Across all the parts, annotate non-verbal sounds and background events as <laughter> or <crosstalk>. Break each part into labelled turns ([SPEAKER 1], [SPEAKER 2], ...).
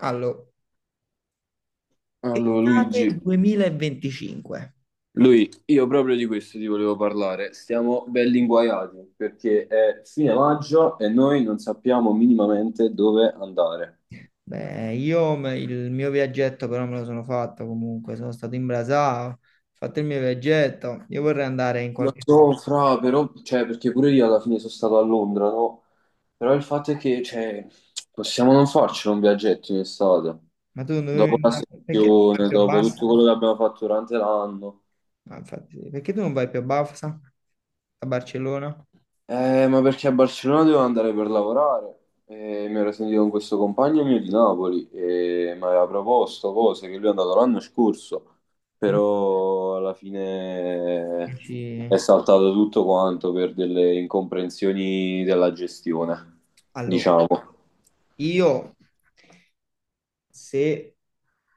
[SPEAKER 1] Allora,
[SPEAKER 2] Allora,
[SPEAKER 1] estate
[SPEAKER 2] Luigi,
[SPEAKER 1] 2025.
[SPEAKER 2] lui, io proprio di questo ti volevo parlare. Stiamo belli inguaiati perché è fine maggio e noi non sappiamo minimamente dove andare.
[SPEAKER 1] Beh, il mio viaggetto però me lo sono fatto comunque, sono stato in Brasao, ho fatto il mio viaggetto, io vorrei andare in
[SPEAKER 2] Lo
[SPEAKER 1] qualche parte.
[SPEAKER 2] so, fra, però, cioè, perché pure io alla fine sono stato a Londra, no? Però il fatto è che, cioè, possiamo non farci un viaggetto in estate.
[SPEAKER 1] Ma tu non dovevi
[SPEAKER 2] Dopo la
[SPEAKER 1] andare, perché tu non vai
[SPEAKER 2] sessione,
[SPEAKER 1] più a
[SPEAKER 2] dopo tutto
[SPEAKER 1] Barsa?
[SPEAKER 2] quello che abbiamo fatto durante l'anno.
[SPEAKER 1] Ah, infatti sì. Perché tu non vai più a Barsa? A Barcellona?
[SPEAKER 2] Ma perché a Barcellona dovevo andare per lavorare e mi ero sentito con questo compagno mio di Napoli e mi aveva proposto cose che lui è andato l'anno scorso,
[SPEAKER 1] Mm?
[SPEAKER 2] però alla fine è
[SPEAKER 1] Dici-
[SPEAKER 2] saltato tutto quanto per delle incomprensioni della gestione,
[SPEAKER 1] Allora,
[SPEAKER 2] diciamo.
[SPEAKER 1] io se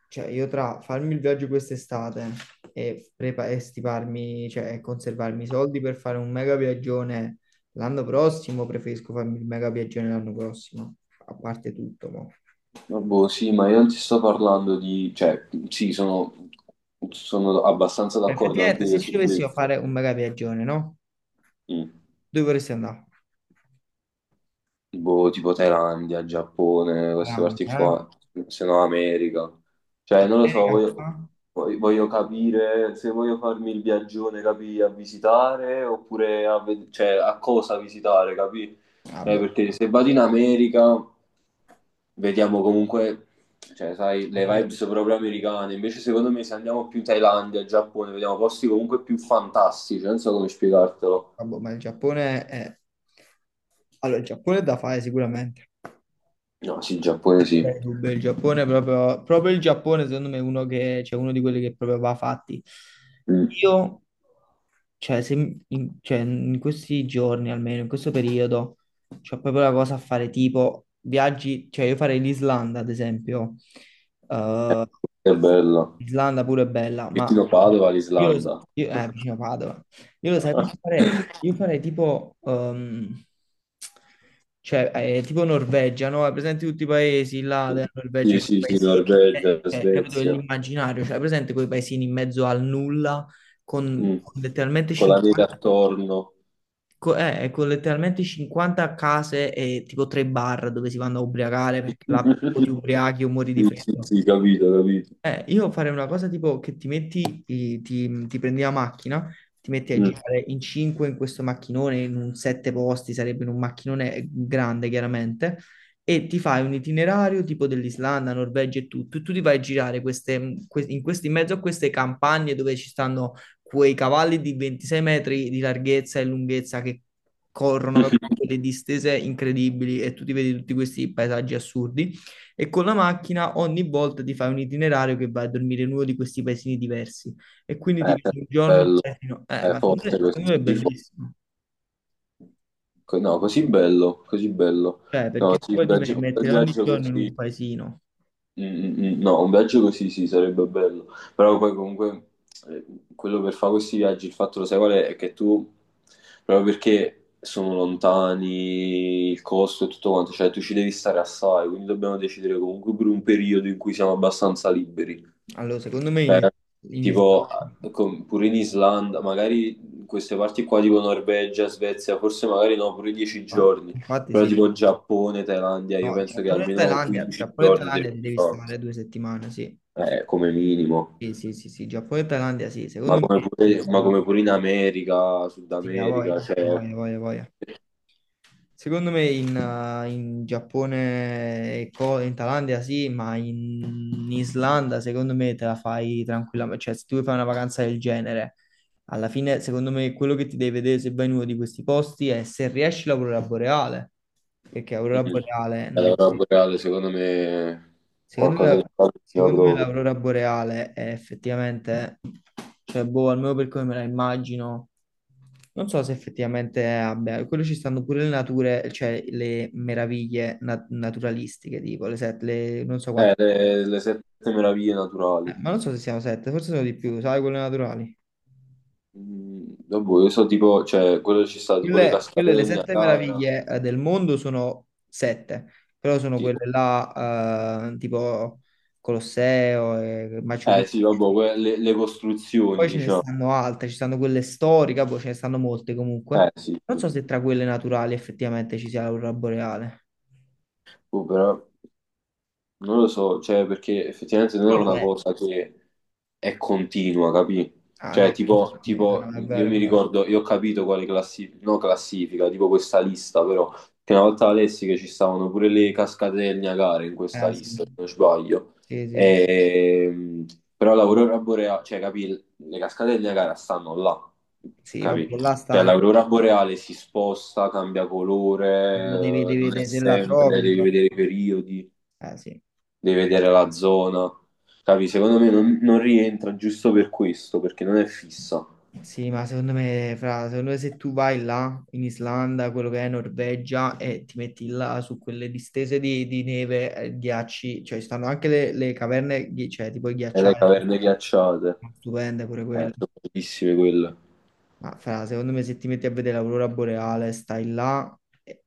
[SPEAKER 1] Cioè, io tra farmi il viaggio quest'estate e stiparmi, cioè, e conservarmi i soldi per fare un mega viaggione l'anno prossimo, preferisco farmi il mega viaggione l'anno prossimo, a parte tutto, mo.
[SPEAKER 2] Ma boh, sì, ma io non ti sto parlando di, cioè, sì, sono abbastanza
[SPEAKER 1] Cioè,
[SPEAKER 2] d'accordo anche
[SPEAKER 1] effettivamente, se
[SPEAKER 2] io
[SPEAKER 1] ci
[SPEAKER 2] su
[SPEAKER 1] dovessimo
[SPEAKER 2] questo.
[SPEAKER 1] fare un mega viaggione, no?
[SPEAKER 2] Mm.
[SPEAKER 1] Dove vorresti andare?
[SPEAKER 2] Boh, tipo Thailandia, Giappone, queste
[SPEAKER 1] Milano,
[SPEAKER 2] parti
[SPEAKER 1] eh?
[SPEAKER 2] qua, se no America. Cioè, non lo so,
[SPEAKER 1] America? Qua?
[SPEAKER 2] voglio- voglio capire se voglio farmi il viaggione, capì, a visitare oppure a, ve- cioè, a cosa visitare, capì?
[SPEAKER 1] Ah, boh.
[SPEAKER 2] Perché se vado in America, vediamo comunque, cioè, sai,
[SPEAKER 1] Ah,
[SPEAKER 2] le
[SPEAKER 1] boh.
[SPEAKER 2] vibes proprio americane. Invece, secondo me, se andiamo più in Thailandia, Giappone, vediamo posti comunque più fantastici, non so come spiegartelo.
[SPEAKER 1] Ah, boh, ma il Giappone è... Allora, il Giappone è da fare sicuramente.
[SPEAKER 2] No, sì, Giappone sì.
[SPEAKER 1] Beh, Cuba, il Giappone è proprio, proprio il Giappone, secondo me, è uno che, cioè, uno di quelli che proprio va fatti.
[SPEAKER 2] Mm.
[SPEAKER 1] Io, cioè, cioè, in questi giorni, almeno in questo periodo, c'ho proprio la cosa a fare tipo viaggi, cioè io farei l'Islanda, ad esempio.
[SPEAKER 2] Eh,
[SPEAKER 1] Eh,
[SPEAKER 2] è bello.
[SPEAKER 1] Islanda pure è bella, ma
[SPEAKER 2] Vicino Padova,
[SPEAKER 1] io,
[SPEAKER 2] l'Islanda.
[SPEAKER 1] io vicino Padova. Io lo sai cosa farei? Io
[SPEAKER 2] <laughs>
[SPEAKER 1] farei tipo, cioè, tipo Norvegia, no? Hai presente tutti i paesi là della Norvegia,
[SPEAKER 2] Sì,
[SPEAKER 1] quei
[SPEAKER 2] sì, sì,
[SPEAKER 1] paesi,
[SPEAKER 2] Norvegia,
[SPEAKER 1] capito,
[SPEAKER 2] Svezia.
[SPEAKER 1] dell'immaginario, cioè, hai presente quei paesini in mezzo al nulla, con,
[SPEAKER 2] Mm.
[SPEAKER 1] con letteralmente
[SPEAKER 2] Con la neve
[SPEAKER 1] 50,
[SPEAKER 2] attorno.
[SPEAKER 1] con letteralmente 50 case e tipo tre bar dove si vanno a ubriacare, perché là o ti ubriachi o
[SPEAKER 2] <laughs>
[SPEAKER 1] muori di
[SPEAKER 2] Sì, sì,
[SPEAKER 1] freddo.
[SPEAKER 2] sì, capito, capito.
[SPEAKER 1] Io farei una cosa tipo che ti metti, ti prendi la macchina, ti metti a
[SPEAKER 2] Mm.
[SPEAKER 1] girare in 5 in questo macchinone, in un 7 posti, sarebbe in un macchinone grande chiaramente, e ti fai un itinerario tipo dell'Islanda, Norvegia e tutto, e tu ti vai a girare queste, in mezzo a queste campagne dove ci stanno quei cavalli di 26 metri di larghezza e lunghezza che corrono, capito? Quelle distese incredibili e tu ti vedi tutti questi paesaggi assurdi. E con la macchina ogni volta ti fai un itinerario che vai a dormire in uno di questi paesini diversi. E quindi ti
[SPEAKER 2] È
[SPEAKER 1] vedi un giorno in un
[SPEAKER 2] bello,
[SPEAKER 1] paesino.
[SPEAKER 2] è
[SPEAKER 1] Ma
[SPEAKER 2] forte
[SPEAKER 1] secondo
[SPEAKER 2] questo,
[SPEAKER 1] me è
[SPEAKER 2] sì, fo-
[SPEAKER 1] bellissimo.
[SPEAKER 2] co- no, così bello, così bello.
[SPEAKER 1] Cioè,
[SPEAKER 2] No,
[SPEAKER 1] perché
[SPEAKER 2] sì, un
[SPEAKER 1] poi ti vai
[SPEAKER 2] viaggio,
[SPEAKER 1] a
[SPEAKER 2] un bel
[SPEAKER 1] mettere ogni
[SPEAKER 2] viaggio
[SPEAKER 1] giorno in
[SPEAKER 2] così.
[SPEAKER 1] un paesino.
[SPEAKER 2] Mm, mm, mm. No, un viaggio così sì, sarebbe bello, però poi comunque eh, quello per fare questi viaggi, il fatto lo sai qual è? È che tu, proprio perché sono lontani, il costo e tutto quanto, cioè tu ci devi stare assai, quindi dobbiamo decidere comunque per un periodo in cui siamo abbastanza liberi.
[SPEAKER 1] Allora, secondo me
[SPEAKER 2] Cioè,
[SPEAKER 1] in Islanda.
[SPEAKER 2] tipo, con- pure in Islanda, magari in queste parti qua, tipo Norvegia, Svezia, forse magari no, pure 10
[SPEAKER 1] Infatti,
[SPEAKER 2] giorni,
[SPEAKER 1] infatti
[SPEAKER 2] però
[SPEAKER 1] sì.
[SPEAKER 2] tipo Giappone, Thailandia, io
[SPEAKER 1] No,
[SPEAKER 2] penso che
[SPEAKER 1] Giappone e
[SPEAKER 2] almeno
[SPEAKER 1] Thailandia.
[SPEAKER 2] 15
[SPEAKER 1] Giappone e
[SPEAKER 2] giorni devi
[SPEAKER 1] Thailandia ti devi
[SPEAKER 2] fare.
[SPEAKER 1] stare 2 settimane, sì.
[SPEAKER 2] Come minimo,
[SPEAKER 1] Sì, sì, sì, sì. Giappone e Thailandia, sì. Secondo me
[SPEAKER 2] ma come pure in America, Sud
[SPEAKER 1] sì, a
[SPEAKER 2] America,
[SPEAKER 1] voglia, a
[SPEAKER 2] cioè,
[SPEAKER 1] voglia, a voglia. A voglia. Secondo me in Giappone, e in Thailandia sì, ma in Islanda secondo me te la fai tranquillamente. Cioè, se tu vuoi fare una vacanza del genere, alla fine secondo me quello che ti devi vedere se vai in uno di questi posti è se riesci l'aurora boreale, perché aurora
[SPEAKER 2] mm,
[SPEAKER 1] boreale
[SPEAKER 2] è
[SPEAKER 1] non
[SPEAKER 2] la
[SPEAKER 1] la
[SPEAKER 2] aurora
[SPEAKER 1] vedi.
[SPEAKER 2] boreale, secondo me,
[SPEAKER 1] Secondo
[SPEAKER 2] qualcosa che
[SPEAKER 1] me,
[SPEAKER 2] fa
[SPEAKER 1] secondo me
[SPEAKER 2] proprio.
[SPEAKER 1] l'aurora boreale è effettivamente, cioè, boh, almeno per come me la immagino, non so se effettivamente abbia, quello ci stanno pure le nature, cioè le meraviglie naturalistiche, tipo le sette, le, non so quante,
[SPEAKER 2] Le sette meraviglie naturali.
[SPEAKER 1] ma non so se siano sette, forse sono di più, sai, quelle naturali.
[SPEAKER 2] Mm, vabbè, io so tipo, cioè, quello ci sta, tipo le
[SPEAKER 1] Quelle, quelle, le
[SPEAKER 2] cascatelle,
[SPEAKER 1] sette
[SPEAKER 2] Niagara.
[SPEAKER 1] meraviglie del mondo sono sette, però sono
[SPEAKER 2] Sì.
[SPEAKER 1] quelle là, tipo Colosseo e Machu
[SPEAKER 2] Eh
[SPEAKER 1] Picchu.
[SPEAKER 2] sì, vabbè, que- le costruzioni,
[SPEAKER 1] Poi ce ne
[SPEAKER 2] diciamo.
[SPEAKER 1] stanno altre, ci stanno quelle storiche, poi ce ne stanno molte
[SPEAKER 2] Eh
[SPEAKER 1] comunque.
[SPEAKER 2] sì,
[SPEAKER 1] Non
[SPEAKER 2] sì.
[SPEAKER 1] so se tra quelle naturali effettivamente ci sia l'aurora boreale.
[SPEAKER 2] Oh, però... Non lo so, cioè, perché effettivamente non è
[SPEAKER 1] Non lo
[SPEAKER 2] una
[SPEAKER 1] vedo.
[SPEAKER 2] cosa che è continua, capì?
[SPEAKER 1] Ah
[SPEAKER 2] Cioè,
[SPEAKER 1] no,
[SPEAKER 2] tipo,
[SPEAKER 1] sì, ah,
[SPEAKER 2] tipo,
[SPEAKER 1] no, è
[SPEAKER 2] io
[SPEAKER 1] vero, è
[SPEAKER 2] mi
[SPEAKER 1] vero.
[SPEAKER 2] ricordo, io ho capito quale classifica, no classifica, tipo questa lista, però, che una volta la lessi che ci stavano pure le cascate del Niagara in questa
[SPEAKER 1] Eh
[SPEAKER 2] lista, se
[SPEAKER 1] sì,
[SPEAKER 2] non sbaglio.
[SPEAKER 1] sì, sì, sì.
[SPEAKER 2] Ehm, Però l'aurora boreale, cioè, capì, le cascate del Niagara stanno là,
[SPEAKER 1] Sì, vabbè,
[SPEAKER 2] capì?
[SPEAKER 1] là
[SPEAKER 2] Cioè,
[SPEAKER 1] stanno,
[SPEAKER 2] l'aurora boreale si sposta, cambia colore,
[SPEAKER 1] devi, devi
[SPEAKER 2] non è
[SPEAKER 1] vedere se la trovi.
[SPEAKER 2] sempre,
[SPEAKER 1] Se
[SPEAKER 2] devi
[SPEAKER 1] la-
[SPEAKER 2] vedere i periodi,
[SPEAKER 1] Eh sì.
[SPEAKER 2] devi vedere la zona. Capi? Secondo me non, non rientra giusto per questo, perché non è fissa.
[SPEAKER 1] Sì, ma secondo me, fra, secondo me se tu vai là in Islanda, quello che è Norvegia, e ti metti là su quelle distese di neve, ghiacci, cioè ci stanno anche le caverne, cioè ti puoi
[SPEAKER 2] E le
[SPEAKER 1] ghiacciare,
[SPEAKER 2] caverne ghiacciate,
[SPEAKER 1] stupende pure quelle.
[SPEAKER 2] sono bellissime quelle.
[SPEAKER 1] Ma fra, secondo me se ti metti a vedere l'aurora boreale, stai là, e,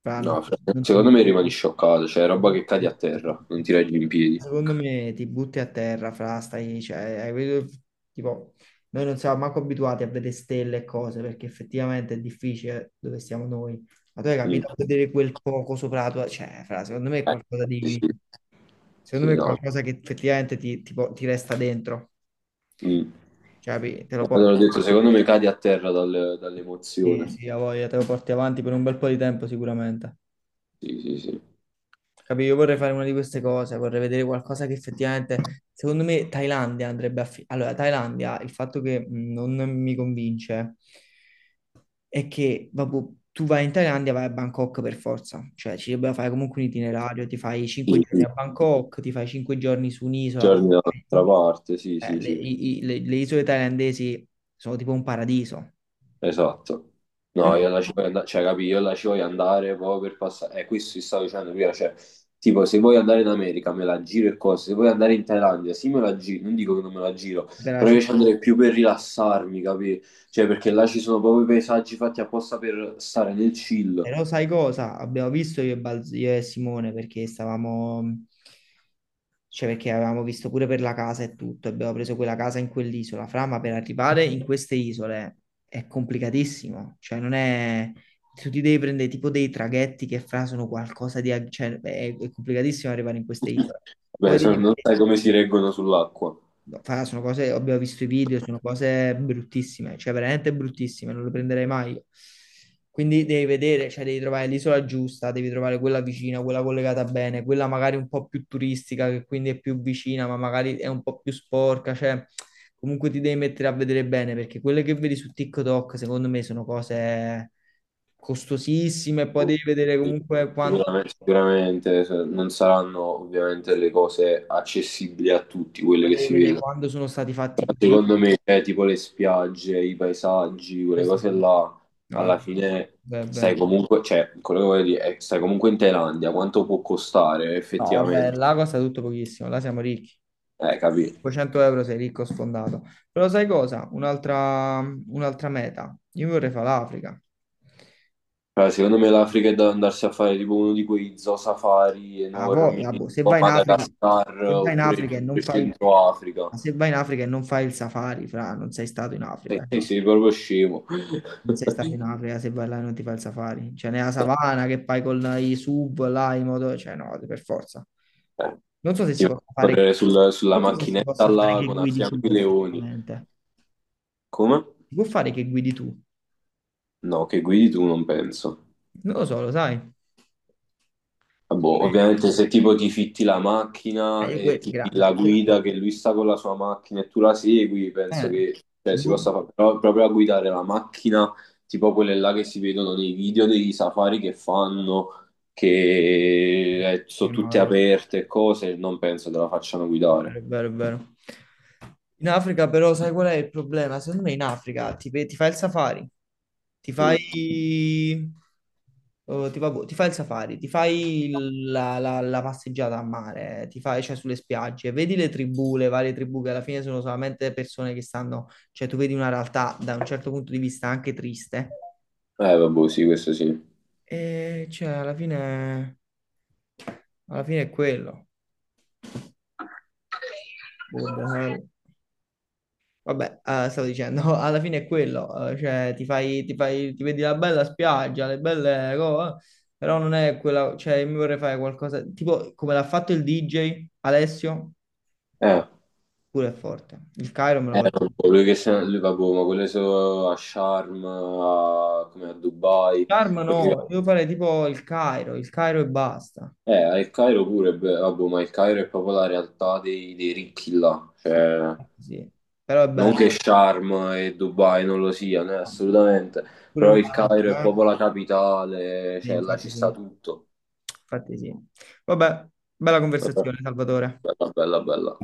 [SPEAKER 1] fra, non
[SPEAKER 2] No,
[SPEAKER 1] ti...
[SPEAKER 2] fra-
[SPEAKER 1] non ti-
[SPEAKER 2] secondo me rimani scioccato, cioè roba che cadi a terra, non ti reggi in piedi.
[SPEAKER 1] secondo me ti butti a terra, fra, stai, cioè, hai capito? Tipo, noi non siamo manco abituati a vedere stelle e cose, perché effettivamente è difficile dove siamo noi. Ma tu hai
[SPEAKER 2] Mm.
[SPEAKER 1] capito a vedere quel poco sopra la tua, cioè, fra, secondo me è
[SPEAKER 2] Eh,
[SPEAKER 1] qualcosa
[SPEAKER 2] sì,
[SPEAKER 1] di,
[SPEAKER 2] sì,
[SPEAKER 1] secondo
[SPEAKER 2] sì,
[SPEAKER 1] me è
[SPEAKER 2] no.
[SPEAKER 1] qualcosa che effettivamente ti resta dentro,
[SPEAKER 2] Mm.
[SPEAKER 1] cioè, capi? Te lo porti,
[SPEAKER 2] Allora ho detto, secondo me cadi a terra dal-
[SPEAKER 1] sì,
[SPEAKER 2] dall'emozione.
[SPEAKER 1] sì, ha voglia, te lo porti avanti per un bel po' di tempo sicuramente.
[SPEAKER 2] Sì, sì, sì.
[SPEAKER 1] Capì? Io vorrei fare una di queste cose, vorrei vedere qualcosa che effettivamente, secondo me, Thailandia allora, Thailandia, il fatto che non mi convince è che, vabbè, tu vai in Thailandia, vai a Bangkok per forza, cioè ci dovrebbe fare comunque un itinerario, ti fai 5
[SPEAKER 2] Sì,
[SPEAKER 1] giorni
[SPEAKER 2] sì.
[SPEAKER 1] a Bangkok, ti fai 5 giorni su un'isola, perché
[SPEAKER 2] Giorni
[SPEAKER 1] poi,
[SPEAKER 2] dall'altra parte, sì, sì,
[SPEAKER 1] le,
[SPEAKER 2] sì.
[SPEAKER 1] i- i- le isole thailandesi sono tipo un paradiso.
[SPEAKER 2] Esatto. No,
[SPEAKER 1] Però,
[SPEAKER 2] io la ci voglio andare, cioè, capì, io la ci voglio andare proprio per passare. Questo ti stavo dicendo prima, cioè, tipo, se vuoi andare in America me la giro e cose, se vuoi andare in Thailandia, sì me la giro, non dico che non me la giro,
[SPEAKER 1] della
[SPEAKER 2] però io ci
[SPEAKER 1] città.
[SPEAKER 2] andrei più per rilassarmi, capì? Cioè, perché là ci sono proprio i paesaggi fatti apposta per stare nel chill.
[SPEAKER 1] Però sai cosa? Abbiamo visto io e Simone perché stavamo cioè, perché avevamo visto pure per la casa e tutto, abbiamo preso quella casa in quell'isola, fra, ma per arrivare in queste isole è complicatissimo. Cioè, non è... Tu ti devi prendere tipo dei traghetti che fra sono qualcosa di... cioè, è complicatissimo arrivare in queste
[SPEAKER 2] <laughs>
[SPEAKER 1] isole. Poi
[SPEAKER 2] Beh, se
[SPEAKER 1] devi...
[SPEAKER 2] non sai come si reggono sull'acqua.
[SPEAKER 1] No, fra, sono cose, abbiamo visto i video, sono cose bruttissime, cioè veramente bruttissime, non le prenderei mai. Quindi devi vedere, cioè devi trovare l'isola giusta, devi trovare quella vicina, quella collegata bene, quella magari un po' più turistica, che quindi è più vicina, ma magari è un po' più sporca, cioè comunque ti devi mettere a vedere bene, perché quelle che vedi su TikTok, secondo me, sono cose costosissime, e poi devi vedere comunque quando,
[SPEAKER 2] Sicuramente, sicuramente se- non saranno ovviamente le cose accessibili a tutti, quelle
[SPEAKER 1] poi
[SPEAKER 2] che
[SPEAKER 1] devi
[SPEAKER 2] si
[SPEAKER 1] vedere
[SPEAKER 2] vedono.
[SPEAKER 1] quando sono stati fatti
[SPEAKER 2] Però
[SPEAKER 1] quei video.
[SPEAKER 2] secondo me, tipo le spiagge, i paesaggi, quelle
[SPEAKER 1] Questo
[SPEAKER 2] cose
[SPEAKER 1] sì.
[SPEAKER 2] là,
[SPEAKER 1] No,
[SPEAKER 2] alla fine
[SPEAKER 1] beh,
[SPEAKER 2] stai
[SPEAKER 1] beh.
[SPEAKER 2] comunque, cioè, quello che voglio dire è che stai comunque in Thailandia, quanto può costare
[SPEAKER 1] No, vabbè,
[SPEAKER 2] effettivamente?
[SPEAKER 1] là costa tutto pochissimo, là siamo ricchi.
[SPEAKER 2] Capì?
[SPEAKER 1] 500 € sei ricco sfondato. Però sai cosa? Un'altra meta. Io vorrei fare l'Africa.
[SPEAKER 2] Cioè, secondo me l'Africa è da andarsi a fare tipo uno di quei zoo safari
[SPEAKER 1] Ah, poi,
[SPEAKER 2] enormi,
[SPEAKER 1] ah, boh, se
[SPEAKER 2] tipo
[SPEAKER 1] vai in Africa,
[SPEAKER 2] Madagascar,
[SPEAKER 1] se vai in
[SPEAKER 2] oppure il
[SPEAKER 1] Africa e non
[SPEAKER 2] proprio
[SPEAKER 1] fai,
[SPEAKER 2] Centro Africa.
[SPEAKER 1] ma se vai in Africa e non fai il safari, fra, non sei stato in
[SPEAKER 2] E
[SPEAKER 1] Africa.
[SPEAKER 2] te sei proprio scemo.
[SPEAKER 1] Non
[SPEAKER 2] <laughs>
[SPEAKER 1] sei stato in Africa se vai là e non ti fai il safari. Cioè, nella savana che fai con i sub, là, i moto... Cioè, no, per forza.
[SPEAKER 2] Eh,
[SPEAKER 1] Non so se
[SPEAKER 2] ti metti
[SPEAKER 1] si
[SPEAKER 2] a
[SPEAKER 1] possa fare che...
[SPEAKER 2] correre sul- sulla
[SPEAKER 1] Non so se si
[SPEAKER 2] macchinetta
[SPEAKER 1] possa fare
[SPEAKER 2] là
[SPEAKER 1] che
[SPEAKER 2] con a
[SPEAKER 1] guidi
[SPEAKER 2] fianco
[SPEAKER 1] tu
[SPEAKER 2] i leoni.
[SPEAKER 1] perfettamente.
[SPEAKER 2] Come?
[SPEAKER 1] Si può fare che guidi tu?
[SPEAKER 2] No, che guidi tu, non penso.
[SPEAKER 1] Non lo so, lo sai.
[SPEAKER 2] Boh, ovviamente se tipo ti fitti la macchina
[SPEAKER 1] Io
[SPEAKER 2] e ti fidi la guida che lui sta con la sua macchina e tu la segui, penso
[SPEAKER 1] eh,
[SPEAKER 2] che cioè, si
[SPEAKER 1] boh.
[SPEAKER 2] possa fare, però proprio a guidare la macchina, tipo quelle là che si vedono nei video dei safari che fanno, che sono
[SPEAKER 1] Io no,
[SPEAKER 2] tutte aperte e cose, non penso te la facciano guidare.
[SPEAKER 1] è vero, è vero. In Africa però sai qual è il problema? Secondo me in Africa ti, ti fai il safari, ti fai,
[SPEAKER 2] Mm.
[SPEAKER 1] oh, ti, boh, ti fai il safari, ti fai la passeggiata a mare, ti fai, cioè, sulle spiagge, vedi le tribù, le varie tribù che alla fine sono solamente persone che stanno, cioè tu vedi una realtà da un certo punto di vista anche triste
[SPEAKER 2] Vabbè, sì, questo sì.
[SPEAKER 1] e cioè alla fine è quello. Boh, vabbè, stavo dicendo, <laughs> alla fine è quello, cioè ti fai, ti fai, ti vedi la bella spiaggia, le belle cose, però non è quella, cioè io mi vorrei fare qualcosa, tipo come l'ha fatto il DJ Alessio,
[SPEAKER 2] Eh,
[SPEAKER 1] pure è forte, il Cairo me lo
[SPEAKER 2] eh,
[SPEAKER 1] vorrei.
[SPEAKER 2] non so, lui che se- lui, vabbè, ma quelle sono a Sharm, a- come a Dubai.
[SPEAKER 1] Sharm no, io farei tipo il Cairo e basta,
[SPEAKER 2] Al Cairo pure, beh, vabbè, ma il Cairo è proprio la realtà dei, dei ricchi là,
[SPEAKER 1] sì,
[SPEAKER 2] cioè,
[SPEAKER 1] sì, però è
[SPEAKER 2] non
[SPEAKER 1] bello,
[SPEAKER 2] che eh, Sharm e Dubai non lo siano, assolutamente,
[SPEAKER 1] pure
[SPEAKER 2] però
[SPEAKER 1] il
[SPEAKER 2] il Cairo
[SPEAKER 1] Marocco,
[SPEAKER 2] è
[SPEAKER 1] eh?
[SPEAKER 2] proprio la capitale,
[SPEAKER 1] Sì,
[SPEAKER 2] cioè, là ci
[SPEAKER 1] infatti sì,
[SPEAKER 2] sta tutto.
[SPEAKER 1] infatti sì. Vabbè, bella
[SPEAKER 2] Bella,
[SPEAKER 1] conversazione, Salvatore.
[SPEAKER 2] bella, bella.